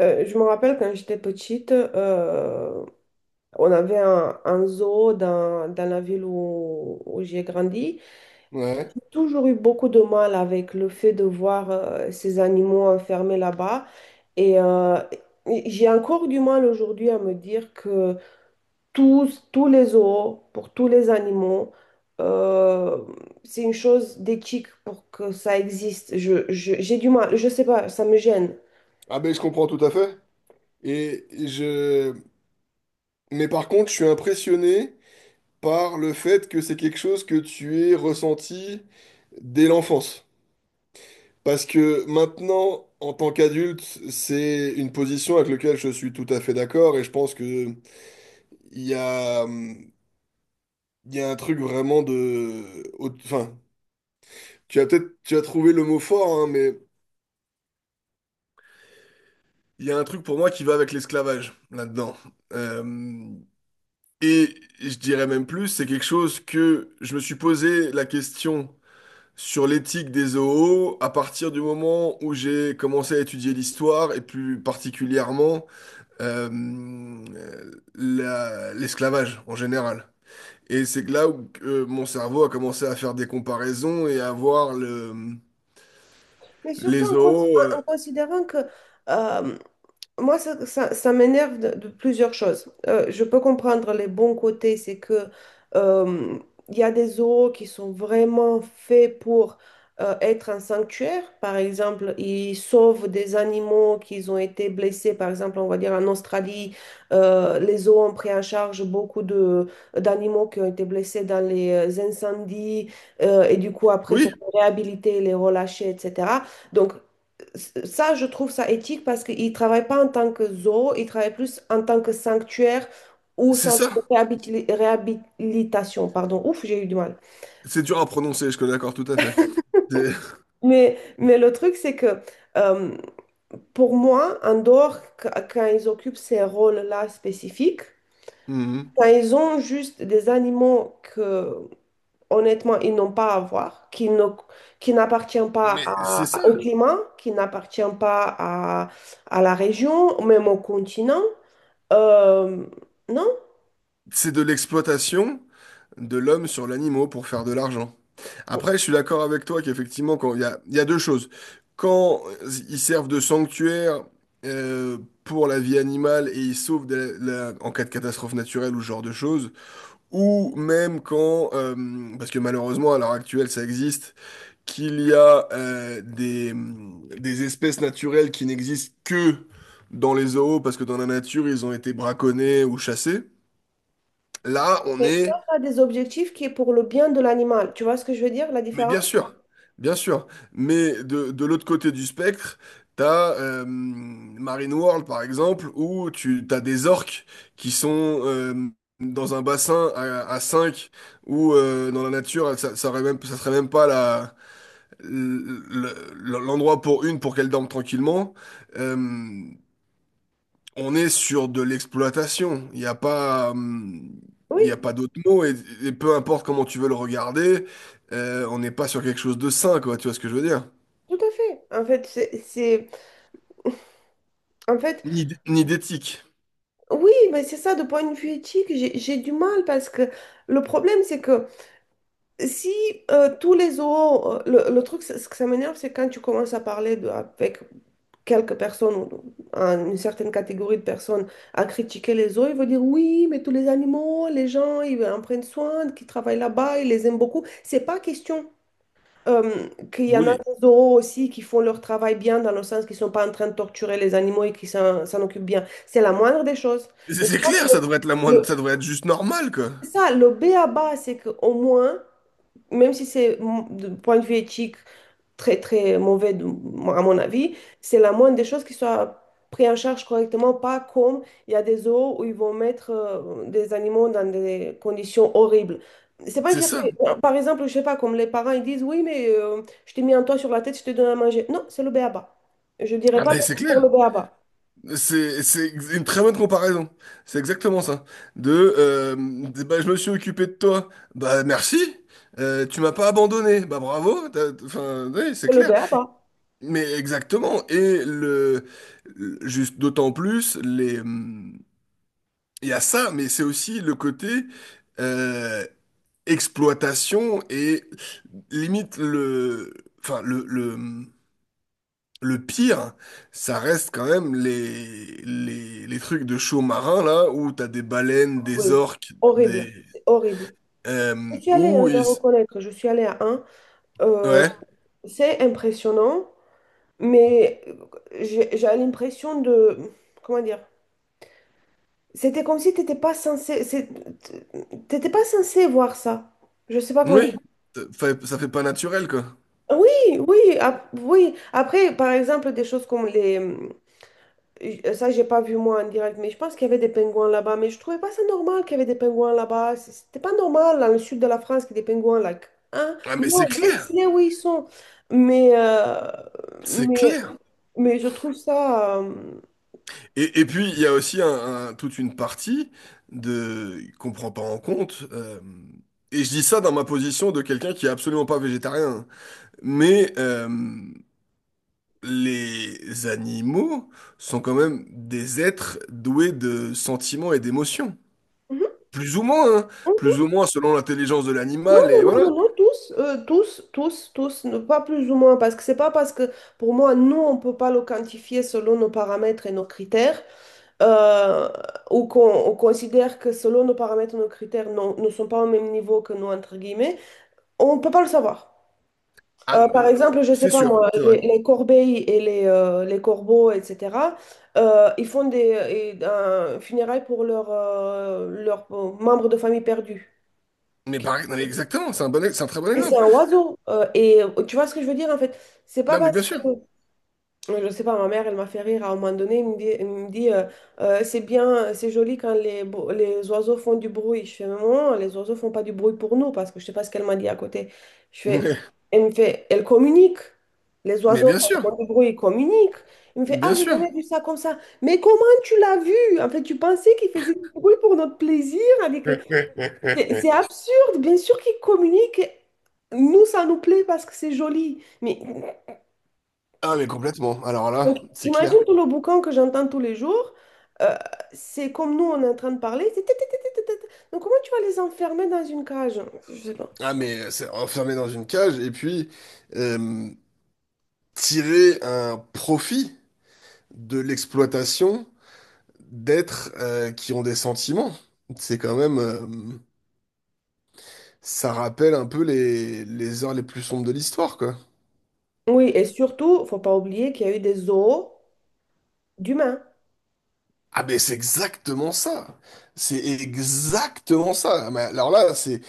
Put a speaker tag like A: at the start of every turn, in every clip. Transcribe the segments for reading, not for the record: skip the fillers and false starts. A: Je me rappelle quand j'étais petite, on avait un zoo dans la ville où j'ai grandi.
B: Ouais.
A: J'ai toujours eu beaucoup de mal avec le fait de voir ces animaux enfermés là-bas. Et euh, j'ai encore du mal aujourd'hui à me dire que tous les zoos, pour tous les animaux, euh, c'est une chose d'éthique pour que ça existe. J'ai du mal, je sais pas, ça me gêne.
B: Ah ben je comprends tout à fait. Et je... Mais par contre, je suis impressionné par le fait que c'est quelque chose que tu aies ressenti dès l'enfance. Parce que maintenant, en tant qu'adulte, c'est une position avec laquelle je suis tout à fait d'accord et je pense que il y a, hum, il y a un truc vraiment de... Enfin, tu as peut-être tu as trouvé le mot fort, hein, mais il y a un truc pour moi qui va avec l'esclavage là-dedans. Euh, Et je dirais même plus, c'est quelque chose que je me suis posé la question sur l'éthique des zoos à partir du moment où j'ai commencé à étudier l'histoire et plus particulièrement euh, l'esclavage en général. Et c'est que là où mon cerveau a commencé à faire des comparaisons et à voir
A: Mais surtout
B: les zoos.
A: en considérant que... euh, Moi, ça m'énerve de plusieurs choses. Je peux comprendre les bons côtés, c'est que euh, il y a des zoos qui sont vraiment faits pour être un sanctuaire. Par exemple, ils sauvent des animaux qui ont été blessés. Par exemple, on va dire en Australie, les zoos ont pris en charge beaucoup de d'animaux qui ont été blessés dans les incendies et du coup après pour
B: Oui,
A: les réhabiliter, les relâcher, etc. Donc ça, je trouve ça éthique parce qu'ils ne travaillent pas en tant que zoo, ils travaillent plus en tant que sanctuaire ou
B: c'est
A: centre de
B: ça.
A: réhabilitation. Pardon, ouf, j'ai eu du mal.
B: C'est dur à prononcer, je suis d'accord tout à fait. C'est
A: Mais le truc, c'est que euh, pour moi, en dehors, quand ils occupent ces rôles-là spécifiques,
B: Mhm.
A: quand ils ont juste des animaux que, honnêtement, ils n'ont pas à voir, qui n'appartiennent pas
B: Mais c'est
A: au
B: ça.
A: climat, qui n'appartiennent pas à la région, même au continent. Euh, non,
B: C'est de l'exploitation de l'homme sur l'animaux pour faire de l'argent. Après, je suis d'accord avec toi qu'effectivement, quand il y a deux choses. Quand ils servent de sanctuaire euh, pour la vie animale et ils sauvent de en cas de catastrophe naturelle ou ce genre de choses, ou même quand, parce que malheureusement à l'heure actuelle ça existe, qu'il y a des espèces naturelles qui n'existent que dans les zoos parce que dans la nature ils ont été braconnés ou chassés. Là, on
A: mais ça
B: est.
A: ça a des objectifs qui est pour le bien de l'animal. Tu vois ce que je veux dire, la
B: Mais bien
A: différence?
B: sûr, bien sûr. Mais de l'autre côté du spectre, t'as Marine World, par exemple, où tu t'as des orques qui sont dans un bassin à 5, où dans la nature, ça aurait même, ça serait même pas l'endroit pour une pour qu'elle dorme tranquillement. Euh, on est sur de l'exploitation. Il n'y a pas, il y a
A: Oui,
B: pas d'autre mot. Et peu importe comment tu veux le regarder, on n'est pas sur quelque chose de sain, quoi. Tu vois ce que je veux dire?
A: tout à fait. En fait, en fait,
B: Ni d'éthique.
A: oui, mais c'est ça, de point de vue éthique, j'ai du mal parce que le problème, c'est que si tous les zoos, le truc, ce que ça m'énerve, c'est quand tu commences à parler avec quelques personnes, ou une certaine catégorie de personnes, à critiquer les zoos, ils vont dire oui, mais tous les animaux, les gens, ils en prennent soin, qui travaillent là-bas, ils les aiment beaucoup. C'est pas question. Qu'il y en a
B: Oui.
A: des oraux aussi qui font leur travail bien, dans le sens qu'ils ne sont pas en train de torturer les animaux et qui s'en occupent bien. C'est la moindre des choses. Mais tu
B: C'est
A: vois que
B: clair, ça devrait être la
A: le,
B: moindre,
A: le-
B: ça devrait être juste normal, quoi.
A: c'est ça, le béaba, c'est qu'au moins, même si c'est de point de vue éthique très très mauvais à mon avis, c'est la moindre des choses qui soit pris en charge correctement, pas comme il y a des zoos où ils vont mettre des animaux dans des conditions horribles. C'est pas une
B: C'est
A: fierté.
B: ça.
A: Par exemple, je sais pas, comme les parents ils disent, oui, mais je t'ai mis un toit sur la tête, je te donne à manger. Non, c'est le béaba. Je dirais
B: Ah
A: pas
B: ben c'est
A: merci pour
B: clair.
A: le béaba.
B: C'est une très bonne comparaison. C'est exactement ça. De, bah, je me suis occupé de toi. Bah merci. Tu m'as pas abandonné. Bah bravo. Enfin, oui, c'est
A: Hello
B: clair.
A: Beaba.
B: Mais exactement. Et juste d'autant plus, il y a ça, mais c'est aussi le côté euh, exploitation et limite enfin le pire, ça reste quand même les trucs de show marin là où t'as des baleines, des
A: Oui,
B: orques,
A: horrible, c'est horrible. Je suis allée, hein,
B: où
A: je dois
B: ils,
A: reconnaître, je suis allée à un. Euh,
B: ouais,
A: c'est impressionnant, mais j'ai l'impression de... Comment dire? C'était comme si tu n'étais pas censé... T'étais pas censé voir ça. Je sais pas comment dire.
B: oui, ça fait pas naturel quoi.
A: Oui, oui, oui. Après, par exemple, des choses comme les... Ça, j'ai pas vu moi en direct, mais je pense qu'il y avait des pingouins là-bas. Mais je trouvais pas ça normal qu'il y avait des pingouins là-bas. C'était pas normal dans le sud de la France qu'il y ait des pingouins là. Hein?
B: Ah mais
A: Non,
B: c'est clair,
A: laisse-les où ils sont. Mais, euh,
B: c'est
A: mais,
B: clair.
A: mais je trouve ça...
B: Et puis, il y a aussi toute une partie de qu'on prend pas en compte. Et je dis ça dans ma position de quelqu'un qui est absolument pas végétarien. Mais les animaux sont quand même des êtres doués de sentiments et d'émotions. Plus ou moins, hein. Plus
A: mhm.
B: ou moins selon l'intelligence de
A: Non,
B: l'animal. Et
A: non, non,
B: voilà.
A: non, non, tous, tous, tous, tous, pas plus ou moins, parce que c'est pas parce que, pour moi, nous, on peut pas le quantifier selon nos paramètres et nos critères. euh, ou qu'on on considère que selon nos paramètres, nos critères ne sont pas au même niveau que nous, entre guillemets, on ne peut pas le savoir.
B: Ah,
A: Par
B: euh,
A: exemple, je ne sais
B: c'est
A: pas
B: sûr,
A: moi,
B: c'est vrai.
A: les corbeilles et les corbeaux, etc., ils font un funérailles pour leurs membres de famille perdus.
B: Mais pareil, non, mais exactement, c'est un très bon
A: Et c'est
B: exemple.
A: un oiseau. Et tu vois ce que je veux dire, en fait? C'est pas
B: Non, mais
A: parce
B: bien sûr.
A: que. Je sais pas, ma mère, elle m'a fait rire à un moment donné. Elle me dit, c'est bien, c'est joli quand les oiseaux font du bruit. Je fais, maman, les oiseaux font pas du bruit pour nous parce que je sais pas ce qu'elle m'a dit à côté. Je fais, elle me fait, elle communique. Les
B: Mais
A: oiseaux,
B: bien
A: quand ils
B: sûr,
A: font du bruit, ils communiquent. Il me fait, ah,
B: bien
A: j'ai
B: sûr.
A: jamais vu ça comme ça. Mais comment tu l'as vu? En fait, tu pensais qu'ils faisaient du bruit pour notre plaisir? Avec... C'est absurde. Bien sûr qu'ils communiquent. Nous, ça nous plaît parce que c'est joli. Mais
B: Ah mais complètement. Alors
A: donc,
B: là, c'est
A: imagine
B: clair.
A: tout le boucan que j'entends tous les jours. euh, c'est comme nous, on est en train de parler. C'est tut, tut, tut, tut, tut. Donc, comment tu vas les enfermer dans une cage? Je sais pas.
B: Ah mais c'est enfermé dans une cage et puis euh, tirer un profit de l'exploitation d'êtres qui ont des sentiments. C'est quand même ça rappelle un peu les heures les plus sombres de l'histoire quoi.
A: Oui, et surtout, faut pas oublier qu'il y a eu des zoos d'humains.
B: Ah mais c'est exactement ça. C'est exactement ça. Ah, mais alors là,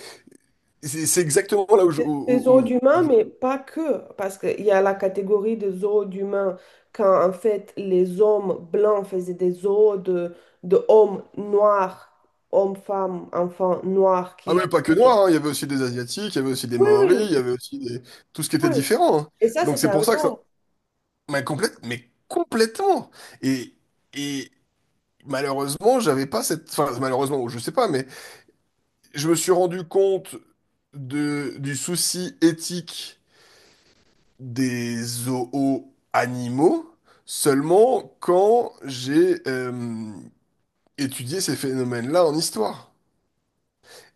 B: c'est exactement là où je, où-
A: Des zoos
B: où-
A: d'humains,
B: où
A: mais pas que. Parce qu'il y a la catégorie des zoos d'humains quand, en fait, les hommes blancs faisaient des zoos de hommes noirs, hommes, femmes, enfants noirs
B: Ah
A: qui...
B: ouais, pas que noirs, hein, il y avait aussi des Asiatiques, il y avait aussi des
A: Oui,
B: Maoris,
A: oui,
B: il y avait aussi des... tout ce qui était
A: oui.
B: différent. Hein.
A: Et ça,
B: Donc
A: c'était
B: c'est
A: un
B: pour ça que ça...
A: zoo.
B: Mais, complète... Mais complètement! Et... et malheureusement, j'avais pas cette... Enfin, malheureusement, ou je sais pas, mais je me suis rendu compte de... du souci éthique des zoos animaux seulement quand j'ai étudié ces phénomènes-là en histoire.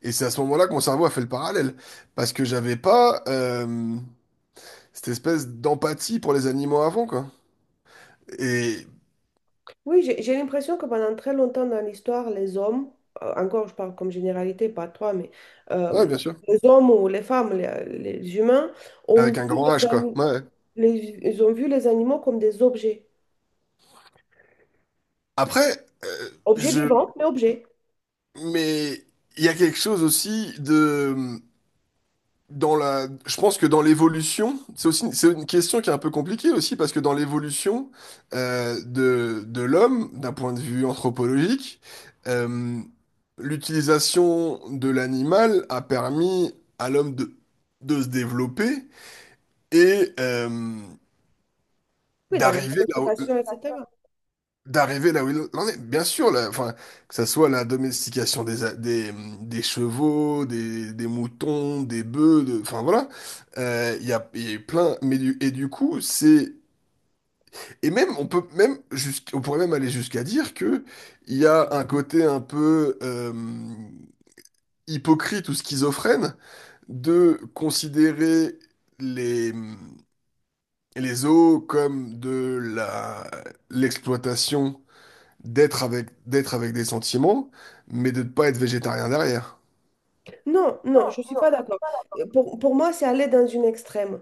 B: Et c'est à ce moment-là que mon cerveau a fait le parallèle. Parce que j'avais pas... cette espèce d'empathie pour les animaux avant, quoi. Et
A: Oui, j'ai l'impression que pendant très longtemps dans l'histoire, les hommes, encore je parle comme généralité, pas toi, mais
B: Ouais,
A: euh,
B: bien sûr.
A: les hommes ou les femmes, les humains, ont
B: Avec un
A: vu
B: grand
A: les,
B: H, quoi.
A: ani-
B: Ouais.
A: les- ils ont vu les animaux comme des objets.
B: Après,
A: Objets
B: je...
A: vivants, mais objets.
B: Mais il y a quelque chose aussi de... Dans la... Je pense que dans l'évolution, c'est aussi c'est une question qui est un peu compliquée aussi, parce que dans l'évolution de l'homme, d'un point de vue anthropologique, euh, l'utilisation de l'animal a permis à l'homme de se développer et,
A: Oui, dans la
B: d'arriver là où,
A: domestication, etc.
B: d'arriver là où il en est. Bien sûr, là, enfin, que ça soit la domestication des chevaux, des moutons, des bœufs, de, enfin voilà, il y a eu plein. Et du coup, c'est et même on peut même on pourrait même aller jusqu'à dire que il y a un côté un peu hypocrite ou schizophrène de considérer les les zoos comme de la l'exploitation d'être avec des sentiments, mais de ne pas être végétarien derrière.
A: Non, non, je ne suis pas d'accord. Pour moi, c'est aller dans une extrême.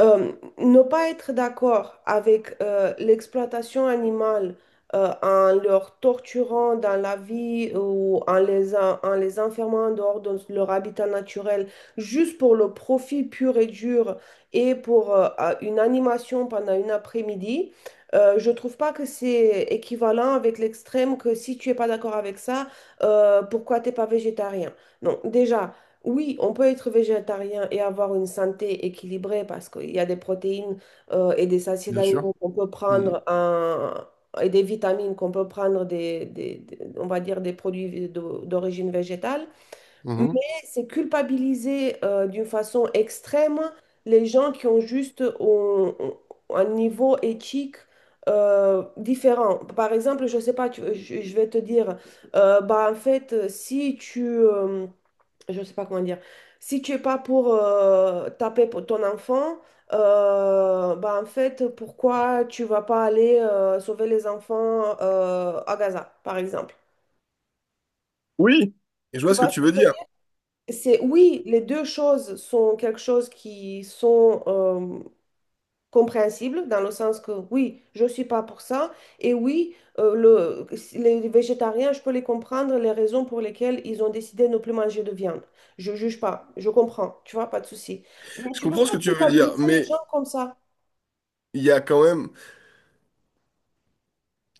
A: Euh, Ne pas être d'accord avec l'exploitation animale en leur torturant dans la vie ou en les enfermant en dehors de leur habitat naturel, juste pour le profit pur et dur et pour une animation pendant une après-midi, je trouve pas que c'est équivalent avec l'extrême que si tu es pas d'accord avec ça, pourquoi t'es pas végétarien? Non, déjà, oui, on peut être végétarien et avoir une santé équilibrée parce qu'il y a des protéines et des acides
B: Bien sûr.
A: aminés qu'on peut
B: Mhm.
A: et des vitamines qu'on peut prendre on va dire des produits d'origine végétale. Mais
B: Mhm.
A: c'est culpabiliser d'une façon extrême les gens qui ont juste un niveau éthique différent. Par exemple, je sais pas, je vais te dire, bah en fait, si tu je ne sais pas comment dire, si tu es pas pour taper pour ton enfant, bah en fait, pourquoi tu vas pas aller sauver les enfants à Gaza, par exemple?
B: Oui, et je
A: Tu
B: vois ce que
A: vois,
B: tu veux dire.
A: c'est oui, les deux choses sont quelque chose qui sont compréhensible dans le sens que oui, je ne suis pas pour ça et oui, les végétariens, je peux les comprendre, les raisons pour lesquelles ils ont décidé de ne plus manger de viande. Je juge pas, je comprends, tu vois, pas de souci. Mais
B: Je
A: tu peux
B: comprends ce
A: pas
B: que tu veux dire,
A: culpabiliser les
B: mais
A: gens comme ça.
B: il y a quand même,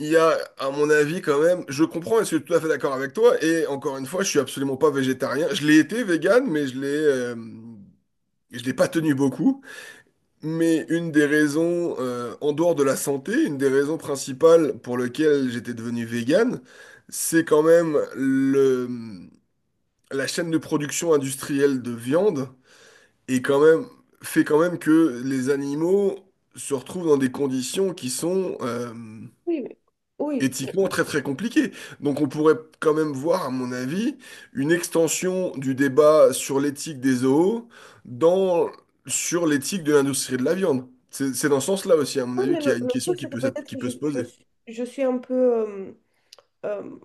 B: il y a, à mon avis, quand même, je comprends et je suis tout à fait d'accord avec toi. Et encore une fois, je suis absolument pas végétarien. Je l'ai été vegan, mais je l'ai pas tenu beaucoup. Mais une des raisons, en dehors de la santé, une des raisons principales pour lesquelles j'étais devenu vegan, c'est quand même la chaîne de production industrielle de viande est quand même, fait quand même que les animaux se retrouvent dans des conditions qui sont
A: Oui, mais, oui, mais-
B: éthiquement très très compliquées. Donc on pourrait quand même voir, à mon avis, une extension du débat sur l'éthique des zoos dans, sur l'éthique de l'industrie de la viande. C'est dans ce sens-là aussi, à mon
A: oui,
B: avis,
A: mais
B: qu'il y
A: le,
B: a une
A: le
B: question
A: truc,
B: qui
A: c'est que
B: peut, qui
A: peut-être je,
B: peut se
A: je,
B: poser.
A: suis je suis un peu... euh,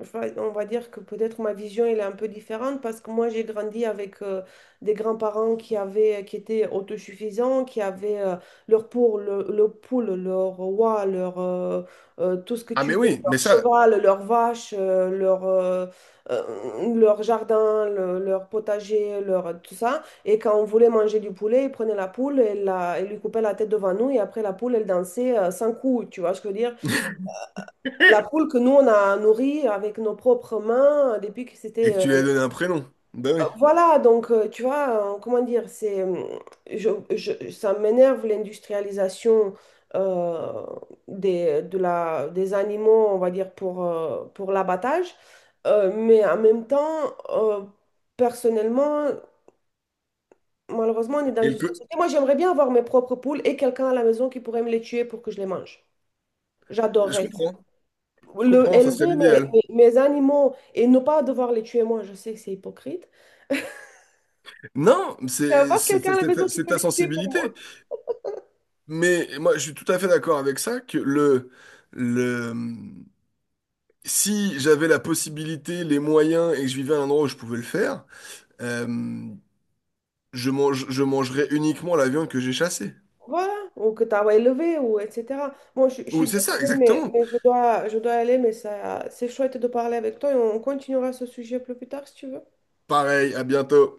A: Enfin, on va dire que peut-être ma vision elle est un peu différente parce que moi j'ai grandi avec des grands-parents qui étaient autosuffisants, qui avaient leur poule, leur oie, leur tout ce que
B: Ah
A: tu
B: mais
A: veux,
B: oui,
A: leur
B: mais ça,
A: cheval, leur vache, leur jardin, leur potager, leur tout ça. Et quand on voulait manger du poulet, ils prenaient la poule ils lui coupaient la tête devant nous et après la poule elle dansait sans coups, tu vois ce que je veux dire? La poule que nous, on a nourrie avec nos propres mains depuis que
B: et
A: c'était...
B: que tu lui as donné un prénom. Ben oui.
A: Voilà, donc, tu vois, comment dire, c'est... je- ça m'énerve l'industrialisation euh, des animaux, on va dire, pour l'abattage. Mais en même temps, personnellement, malheureusement, on est dans
B: Et le
A: une
B: co-
A: société... Moi, j'aimerais bien avoir mes propres poules et quelqu'un à la maison qui pourrait me les tuer pour que je les mange.
B: je
A: J'adorerais
B: comprends, je comprends, ça serait
A: élever mes,
B: l'idéal.
A: mes, mes animaux et ne pas devoir les tuer moi, je sais que c'est hypocrite.
B: Non,
A: Je vais avoir quelqu'un à la maison qui
B: c'est
A: peut
B: ta
A: les tuer pour
B: sensibilité.
A: moi.
B: Mais moi, je suis tout à fait d'accord avec ça, que le, si j'avais la possibilité, les moyens et que je vivais à un endroit où je pouvais le faire, euh, je mangerais uniquement la viande que j'ai chassée.
A: Voilà, ou que tu as élevé, ou etc. Bon, je suis
B: Ou c'est ça,
A: désolée, mais,
B: exactement.
A: mais je dois aller, mais ça, c'est chouette de parler avec toi et on continuera ce sujet plus tard si tu veux.
B: Pareil, à bientôt.